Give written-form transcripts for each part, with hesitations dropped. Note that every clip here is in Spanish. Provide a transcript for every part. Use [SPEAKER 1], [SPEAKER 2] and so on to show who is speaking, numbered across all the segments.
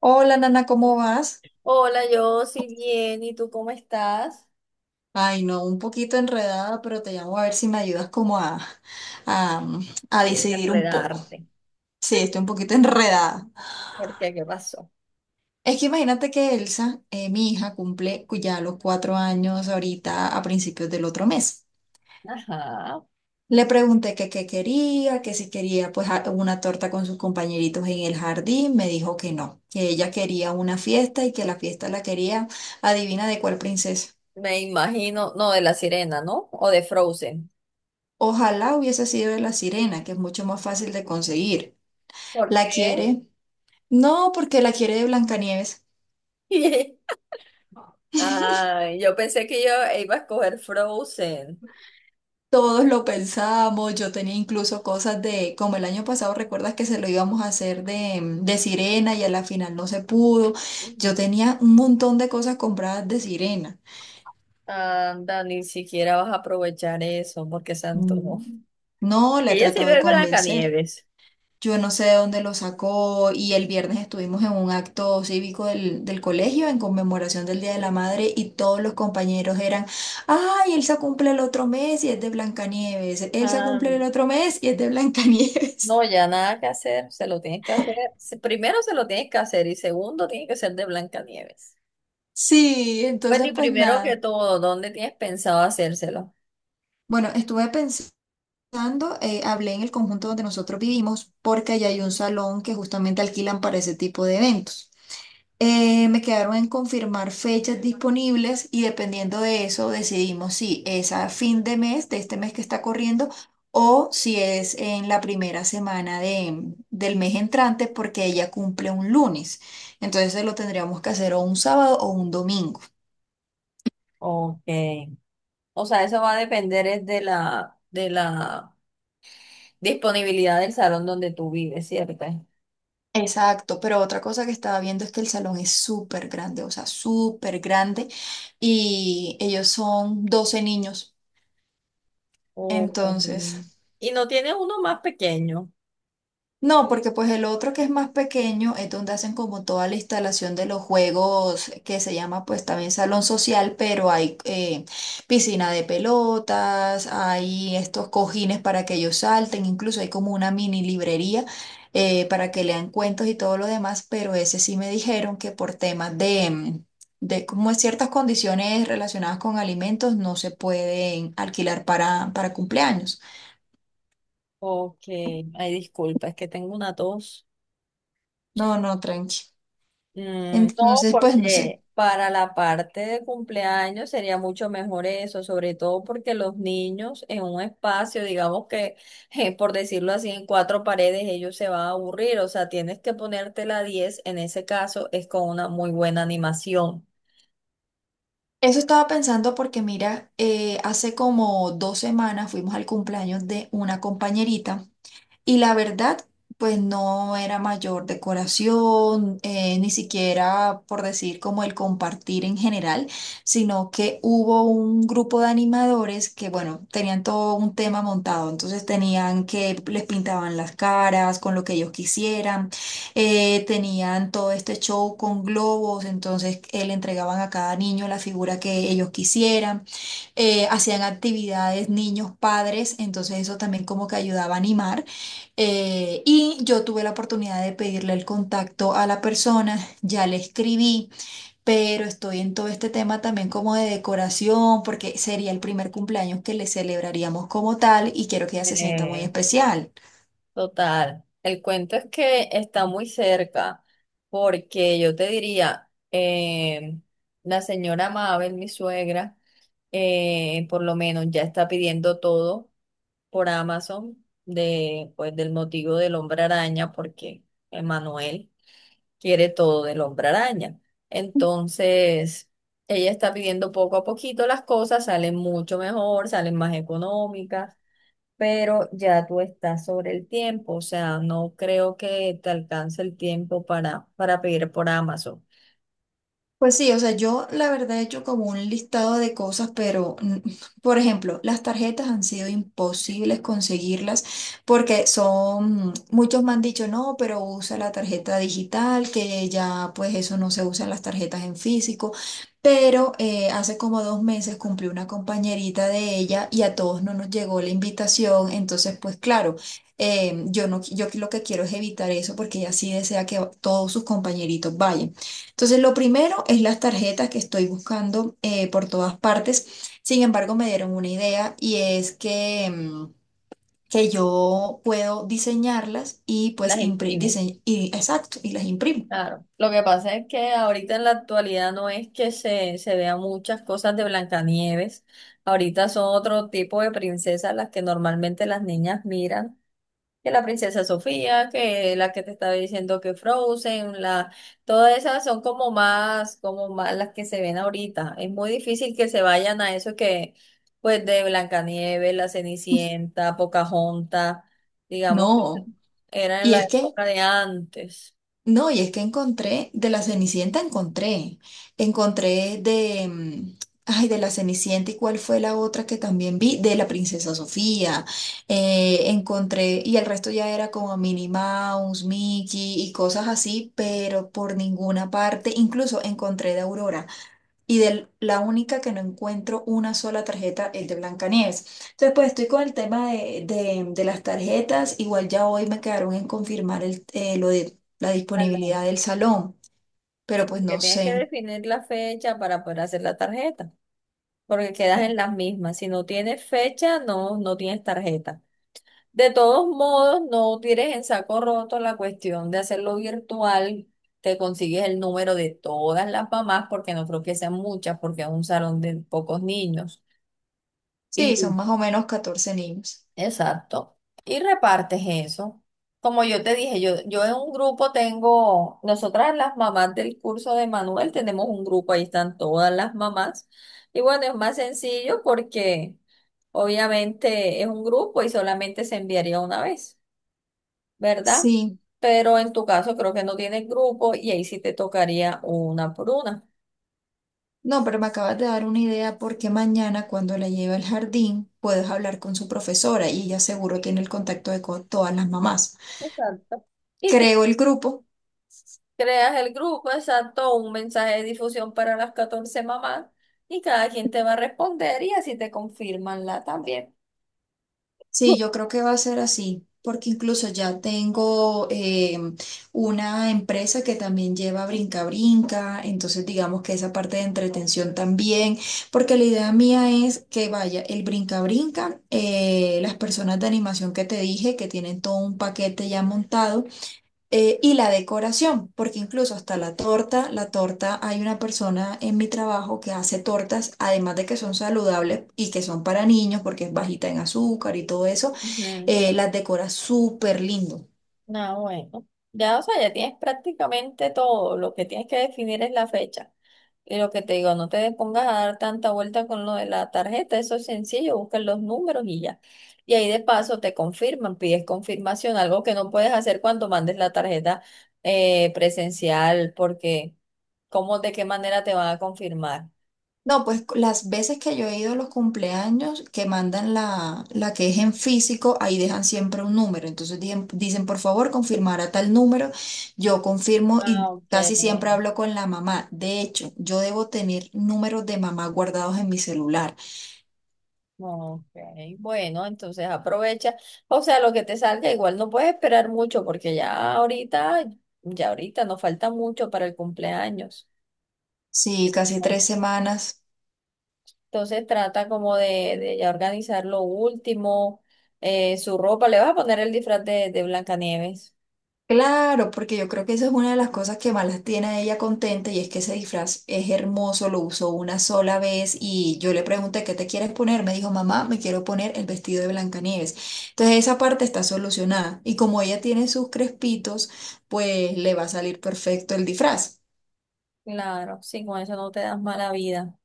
[SPEAKER 1] Hola, Nana, ¿cómo vas?
[SPEAKER 2] Hola, yo sí bien, ¿y tú cómo estás?
[SPEAKER 1] Ay, no, un poquito enredada, pero te llamo a ver si me ayudas como a, a
[SPEAKER 2] De
[SPEAKER 1] decidir un poco.
[SPEAKER 2] enredarte.
[SPEAKER 1] Sí, estoy un poquito enredada.
[SPEAKER 2] ¿Por qué? ¿Qué pasó?
[SPEAKER 1] Es que imagínate que Elsa, mi hija, cumple ya los cuatro años ahorita a principios del otro mes.
[SPEAKER 2] Ajá,
[SPEAKER 1] Le pregunté que qué quería, que si quería pues una torta con sus compañeritos en el jardín. Me dijo que no, que ella quería una fiesta y que la fiesta la quería, adivina de cuál princesa.
[SPEAKER 2] me imagino, no, de La Sirena, ¿no? O de Frozen.
[SPEAKER 1] Ojalá hubiese sido de la sirena, que es mucho más fácil de conseguir.
[SPEAKER 2] ¿Por
[SPEAKER 1] ¿La
[SPEAKER 2] qué?
[SPEAKER 1] quiere? No, porque la quiere de Blancanieves.
[SPEAKER 2] Ay, yo pensé que yo iba a escoger Frozen.
[SPEAKER 1] Todos lo pensamos, yo tenía incluso cosas de, como el año pasado, recuerdas que se lo íbamos a hacer de sirena y a la final no se pudo. Yo
[SPEAKER 2] Ujú.
[SPEAKER 1] tenía un montón de cosas compradas de sirena.
[SPEAKER 2] Anda, ni siquiera vas a aprovechar eso, porque se antojó.
[SPEAKER 1] Mm, No, la
[SPEAKER 2] Y
[SPEAKER 1] he
[SPEAKER 2] ella sí
[SPEAKER 1] tratado de
[SPEAKER 2] ve
[SPEAKER 1] convencer.
[SPEAKER 2] Blancanieves.
[SPEAKER 1] Yo no sé de dónde lo sacó y el viernes estuvimos en un acto cívico del colegio en conmemoración del Día de la Madre y todos los compañeros eran, ay, Elsa cumple el otro mes y es de Blancanieves, Elsa
[SPEAKER 2] Ah,
[SPEAKER 1] cumple el otro mes y es de
[SPEAKER 2] no,
[SPEAKER 1] Blancanieves.
[SPEAKER 2] ya nada que hacer, se lo tienes que hacer. Primero se lo tienes que hacer y segundo tiene que ser de Blancanieves.
[SPEAKER 1] Sí,
[SPEAKER 2] Bueno,
[SPEAKER 1] entonces
[SPEAKER 2] y
[SPEAKER 1] pues
[SPEAKER 2] primero que
[SPEAKER 1] nada.
[SPEAKER 2] todo, ¿dónde tienes pensado hacérselo?
[SPEAKER 1] Bueno, estuve pensando, hablé en el conjunto donde nosotros vivimos porque allá hay un salón que justamente alquilan para ese tipo de eventos. Me quedaron en confirmar fechas disponibles y dependiendo de eso decidimos si es a fin de mes, de este mes que está corriendo, o si es en la primera semana de, del mes entrante porque ella cumple un lunes. Entonces lo tendríamos que hacer o un sábado o un domingo.
[SPEAKER 2] Ok. O sea, eso va a depender es de la disponibilidad del salón donde tú vives, ¿cierto?
[SPEAKER 1] Exacto, pero otra cosa que estaba viendo es que el salón es súper grande, o sea, súper grande, y ellos son 12 niños.
[SPEAKER 2] Oh,
[SPEAKER 1] Entonces...
[SPEAKER 2] y no tienes uno más pequeño.
[SPEAKER 1] No, porque pues el otro que es más pequeño es donde hacen como toda la instalación de los juegos que se llama pues también salón social, pero hay piscina de pelotas, hay estos cojines para que ellos salten, incluso hay como una mini librería para que lean cuentos y todo lo demás, pero ese sí me dijeron que por temas de, de como ciertas condiciones relacionadas con alimentos no se pueden alquilar para cumpleaños.
[SPEAKER 2] Ok. Ay, disculpa, es que tengo una tos.
[SPEAKER 1] No, no, tranqui.
[SPEAKER 2] Mm, no,
[SPEAKER 1] Entonces, pues no sé.
[SPEAKER 2] porque para la parte de cumpleaños sería mucho mejor eso, sobre todo porque los niños en un espacio, digamos que, por decirlo así, en cuatro paredes, ellos se van a aburrir, o sea, tienes que ponerte la 10. En ese caso es con una muy buena animación.
[SPEAKER 1] Eso estaba pensando porque mira, hace como dos semanas fuimos al cumpleaños de una compañerita. Y la verdad, pues no era mayor decoración, ni siquiera por decir como el compartir en general, sino que hubo un grupo de animadores que, bueno, tenían todo un tema montado, entonces tenían que les pintaban las caras con lo que ellos quisieran, tenían todo este show con globos, entonces le entregaban a cada niño la figura que ellos quisieran, hacían actividades niños, padres, entonces eso también como que ayudaba a animar. Y yo tuve la oportunidad de pedirle el contacto a la persona, ya le escribí, pero estoy en todo este tema también como de decoración, porque sería el primer cumpleaños que le celebraríamos como tal y quiero que ella se sienta muy
[SPEAKER 2] Eh,
[SPEAKER 1] especial.
[SPEAKER 2] Total. El cuento es que está muy cerca, porque yo te diría, la señora Mabel, mi suegra, por lo menos ya está pidiendo todo por Amazon de, pues, del motivo del hombre araña, porque Emanuel quiere todo del hombre araña. Entonces, ella está pidiendo poco a poquito las cosas, salen mucho mejor, salen más económicas, pero ya tú estás sobre el tiempo, o sea, no creo que te alcance el tiempo para pedir por Amazon.
[SPEAKER 1] Pues sí, o sea, yo la verdad he hecho como un listado de cosas, pero por ejemplo, las tarjetas han sido imposibles conseguirlas porque son, muchos me han dicho, no, pero usa la tarjeta digital, que ya pues eso no se usa en las tarjetas en físico, pero hace como dos meses cumplió una compañerita de ella y a todos no nos llegó la invitación, entonces pues claro. Yo no, yo lo que quiero es evitar eso porque ella sí desea que todos sus compañeritos vayan. Entonces, lo primero es las tarjetas que estoy buscando por todas partes. Sin embargo, me dieron una idea y es que, que yo puedo diseñarlas y pues
[SPEAKER 2] Las imprimes.
[SPEAKER 1] y, exacto, y las imprimo.
[SPEAKER 2] Claro, lo que pasa es que ahorita en la actualidad no es que se vean muchas cosas de Blancanieves, ahorita son otro tipo de princesas las que normalmente las niñas miran, que la princesa Sofía, que la que te estaba diciendo que Frozen, la, todas esas son como más las que se ven ahorita, es muy difícil que se vayan a eso que, pues de Blancanieves, la Cenicienta, Pocahontas, digamos que
[SPEAKER 1] No.
[SPEAKER 2] eran en
[SPEAKER 1] Y
[SPEAKER 2] la
[SPEAKER 1] es que
[SPEAKER 2] época de antes.
[SPEAKER 1] No, y es que encontré, de la Cenicienta encontré, encontré de, ay, de la Cenicienta y cuál fue la otra que también vi, de la Princesa Sofía, encontré, y el resto ya era como Minnie Mouse, Mickey y cosas así, pero por ninguna parte, incluso encontré de Aurora. Y de la única que no encuentro una sola tarjeta es de Blancanieves. Entonces, pues estoy con el tema de las tarjetas. Igual ya hoy me quedaron en confirmar el, lo de la disponibilidad del salón, pero
[SPEAKER 2] Sí,
[SPEAKER 1] pues
[SPEAKER 2] porque
[SPEAKER 1] no
[SPEAKER 2] tienes que
[SPEAKER 1] sé.
[SPEAKER 2] definir la fecha para poder hacer la tarjeta, porque quedas
[SPEAKER 1] Eh,
[SPEAKER 2] en las mismas. Si no tienes fecha, no, no tienes tarjeta. De todos modos, no tires en saco roto la cuestión de hacerlo virtual. Te consigues el número de todas las mamás, porque no creo que sean muchas, porque es un salón de pocos niños.
[SPEAKER 1] Sí, son más o menos 14 niños.
[SPEAKER 2] Exacto. Y repartes eso. Como yo te dije, yo en un grupo tengo, nosotras las mamás del curso de Manuel tenemos un grupo, ahí están todas las mamás. Y bueno, es más sencillo porque obviamente es un grupo y solamente se enviaría una vez, ¿verdad?
[SPEAKER 1] Sí,
[SPEAKER 2] Pero en tu caso creo que no tienes grupo y ahí sí te tocaría una por una.
[SPEAKER 1] no, pero me acabas de dar una idea porque mañana cuando la lleve al jardín puedes hablar con su profesora y ella seguro tiene el contacto de todas las mamás.
[SPEAKER 2] Exacto. Y tú
[SPEAKER 1] Creo el grupo.
[SPEAKER 2] creas el grupo, exacto, un mensaje de difusión para las 14 mamás y cada quien te va a responder y así te confirman la también.
[SPEAKER 1] Sí, yo creo que va a ser así, porque incluso ya tengo una empresa que también lleva brinca brinca, entonces digamos que esa parte de entretención también, porque la idea mía es que vaya el brinca brinca, las personas de animación que te dije que tienen todo un paquete ya montado. Y la decoración, porque incluso hasta la torta, hay una persona en mi trabajo que hace tortas, además de que son saludables y que son para niños porque es bajita en azúcar y todo eso,
[SPEAKER 2] Ujú.
[SPEAKER 1] las decora súper lindo.
[SPEAKER 2] Ah, bueno. Ya, o sea, ya tienes prácticamente todo. Lo que tienes que definir es la fecha. Y lo que te digo, no te pongas a dar tanta vuelta con lo de la tarjeta, eso es sencillo, buscan los números y ya. Y ahí de paso te confirman, pides confirmación, algo que no puedes hacer cuando mandes la tarjeta presencial, porque ¿cómo, de qué manera te van a confirmar?
[SPEAKER 1] No, pues las veces que yo he ido a los cumpleaños que mandan la que es en físico, ahí dejan siempre un número. Entonces dicen, por favor, confirmar a tal número. Yo confirmo
[SPEAKER 2] Ah,
[SPEAKER 1] y
[SPEAKER 2] ok,
[SPEAKER 1] casi siempre hablo con la mamá. De hecho, yo debo tener números de mamá guardados en mi celular.
[SPEAKER 2] ok. Bueno, entonces aprovecha. O sea, lo que te salga, igual no puedes esperar mucho, porque ya ahorita nos falta mucho para el cumpleaños.
[SPEAKER 1] Sí, casi tres semanas.
[SPEAKER 2] Entonces trata como de ya organizar lo último, su ropa. Le vas a poner el disfraz de Blancanieves.
[SPEAKER 1] Claro, porque yo creo que eso es una de las cosas que más la tiene a ella contenta y es que ese disfraz es hermoso, lo usó una sola vez y yo le pregunté, ¿qué te quieres poner? Me dijo, mamá, me quiero poner el vestido de Blancanieves. Entonces esa parte está solucionada y como ella tiene sus crespitos, pues le va a salir perfecto el disfraz.
[SPEAKER 2] Claro, sí, con eso no te das mala vida.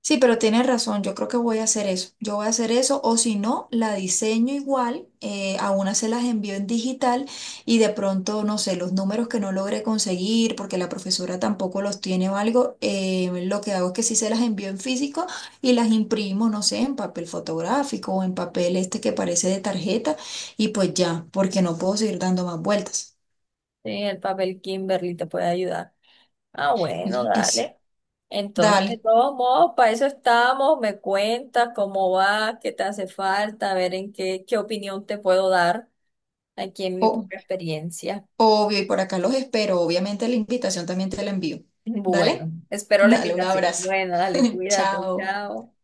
[SPEAKER 1] Sí, pero tienes razón, yo creo que voy a hacer eso. Yo voy a hacer eso o si no, la diseño igual, a una se las envío en digital y de pronto, no sé, los números que no logré conseguir porque la profesora tampoco los tiene o algo, lo que hago es que sí se las envío en físico y las imprimo, no sé, en papel fotográfico o en papel este que parece de tarjeta y pues ya, porque no puedo seguir dando más vueltas.
[SPEAKER 2] Sí, el papel Kimberly te puede ayudar. Ah, bueno,
[SPEAKER 1] Es,
[SPEAKER 2] dale. Entonces, de
[SPEAKER 1] dale.
[SPEAKER 2] todos modos, para eso estamos. Me cuentas cómo va, qué te hace falta, a ver en qué, qué opinión te puedo dar aquí en mi
[SPEAKER 1] O-
[SPEAKER 2] propia experiencia.
[SPEAKER 1] Obvio, y por acá los espero. Obviamente la invitación también te la envío.
[SPEAKER 2] Bueno,
[SPEAKER 1] Dale,
[SPEAKER 2] espero la
[SPEAKER 1] dale un
[SPEAKER 2] invitación.
[SPEAKER 1] abrazo.
[SPEAKER 2] Bueno, dale, cuídate,
[SPEAKER 1] Chao.
[SPEAKER 2] chao.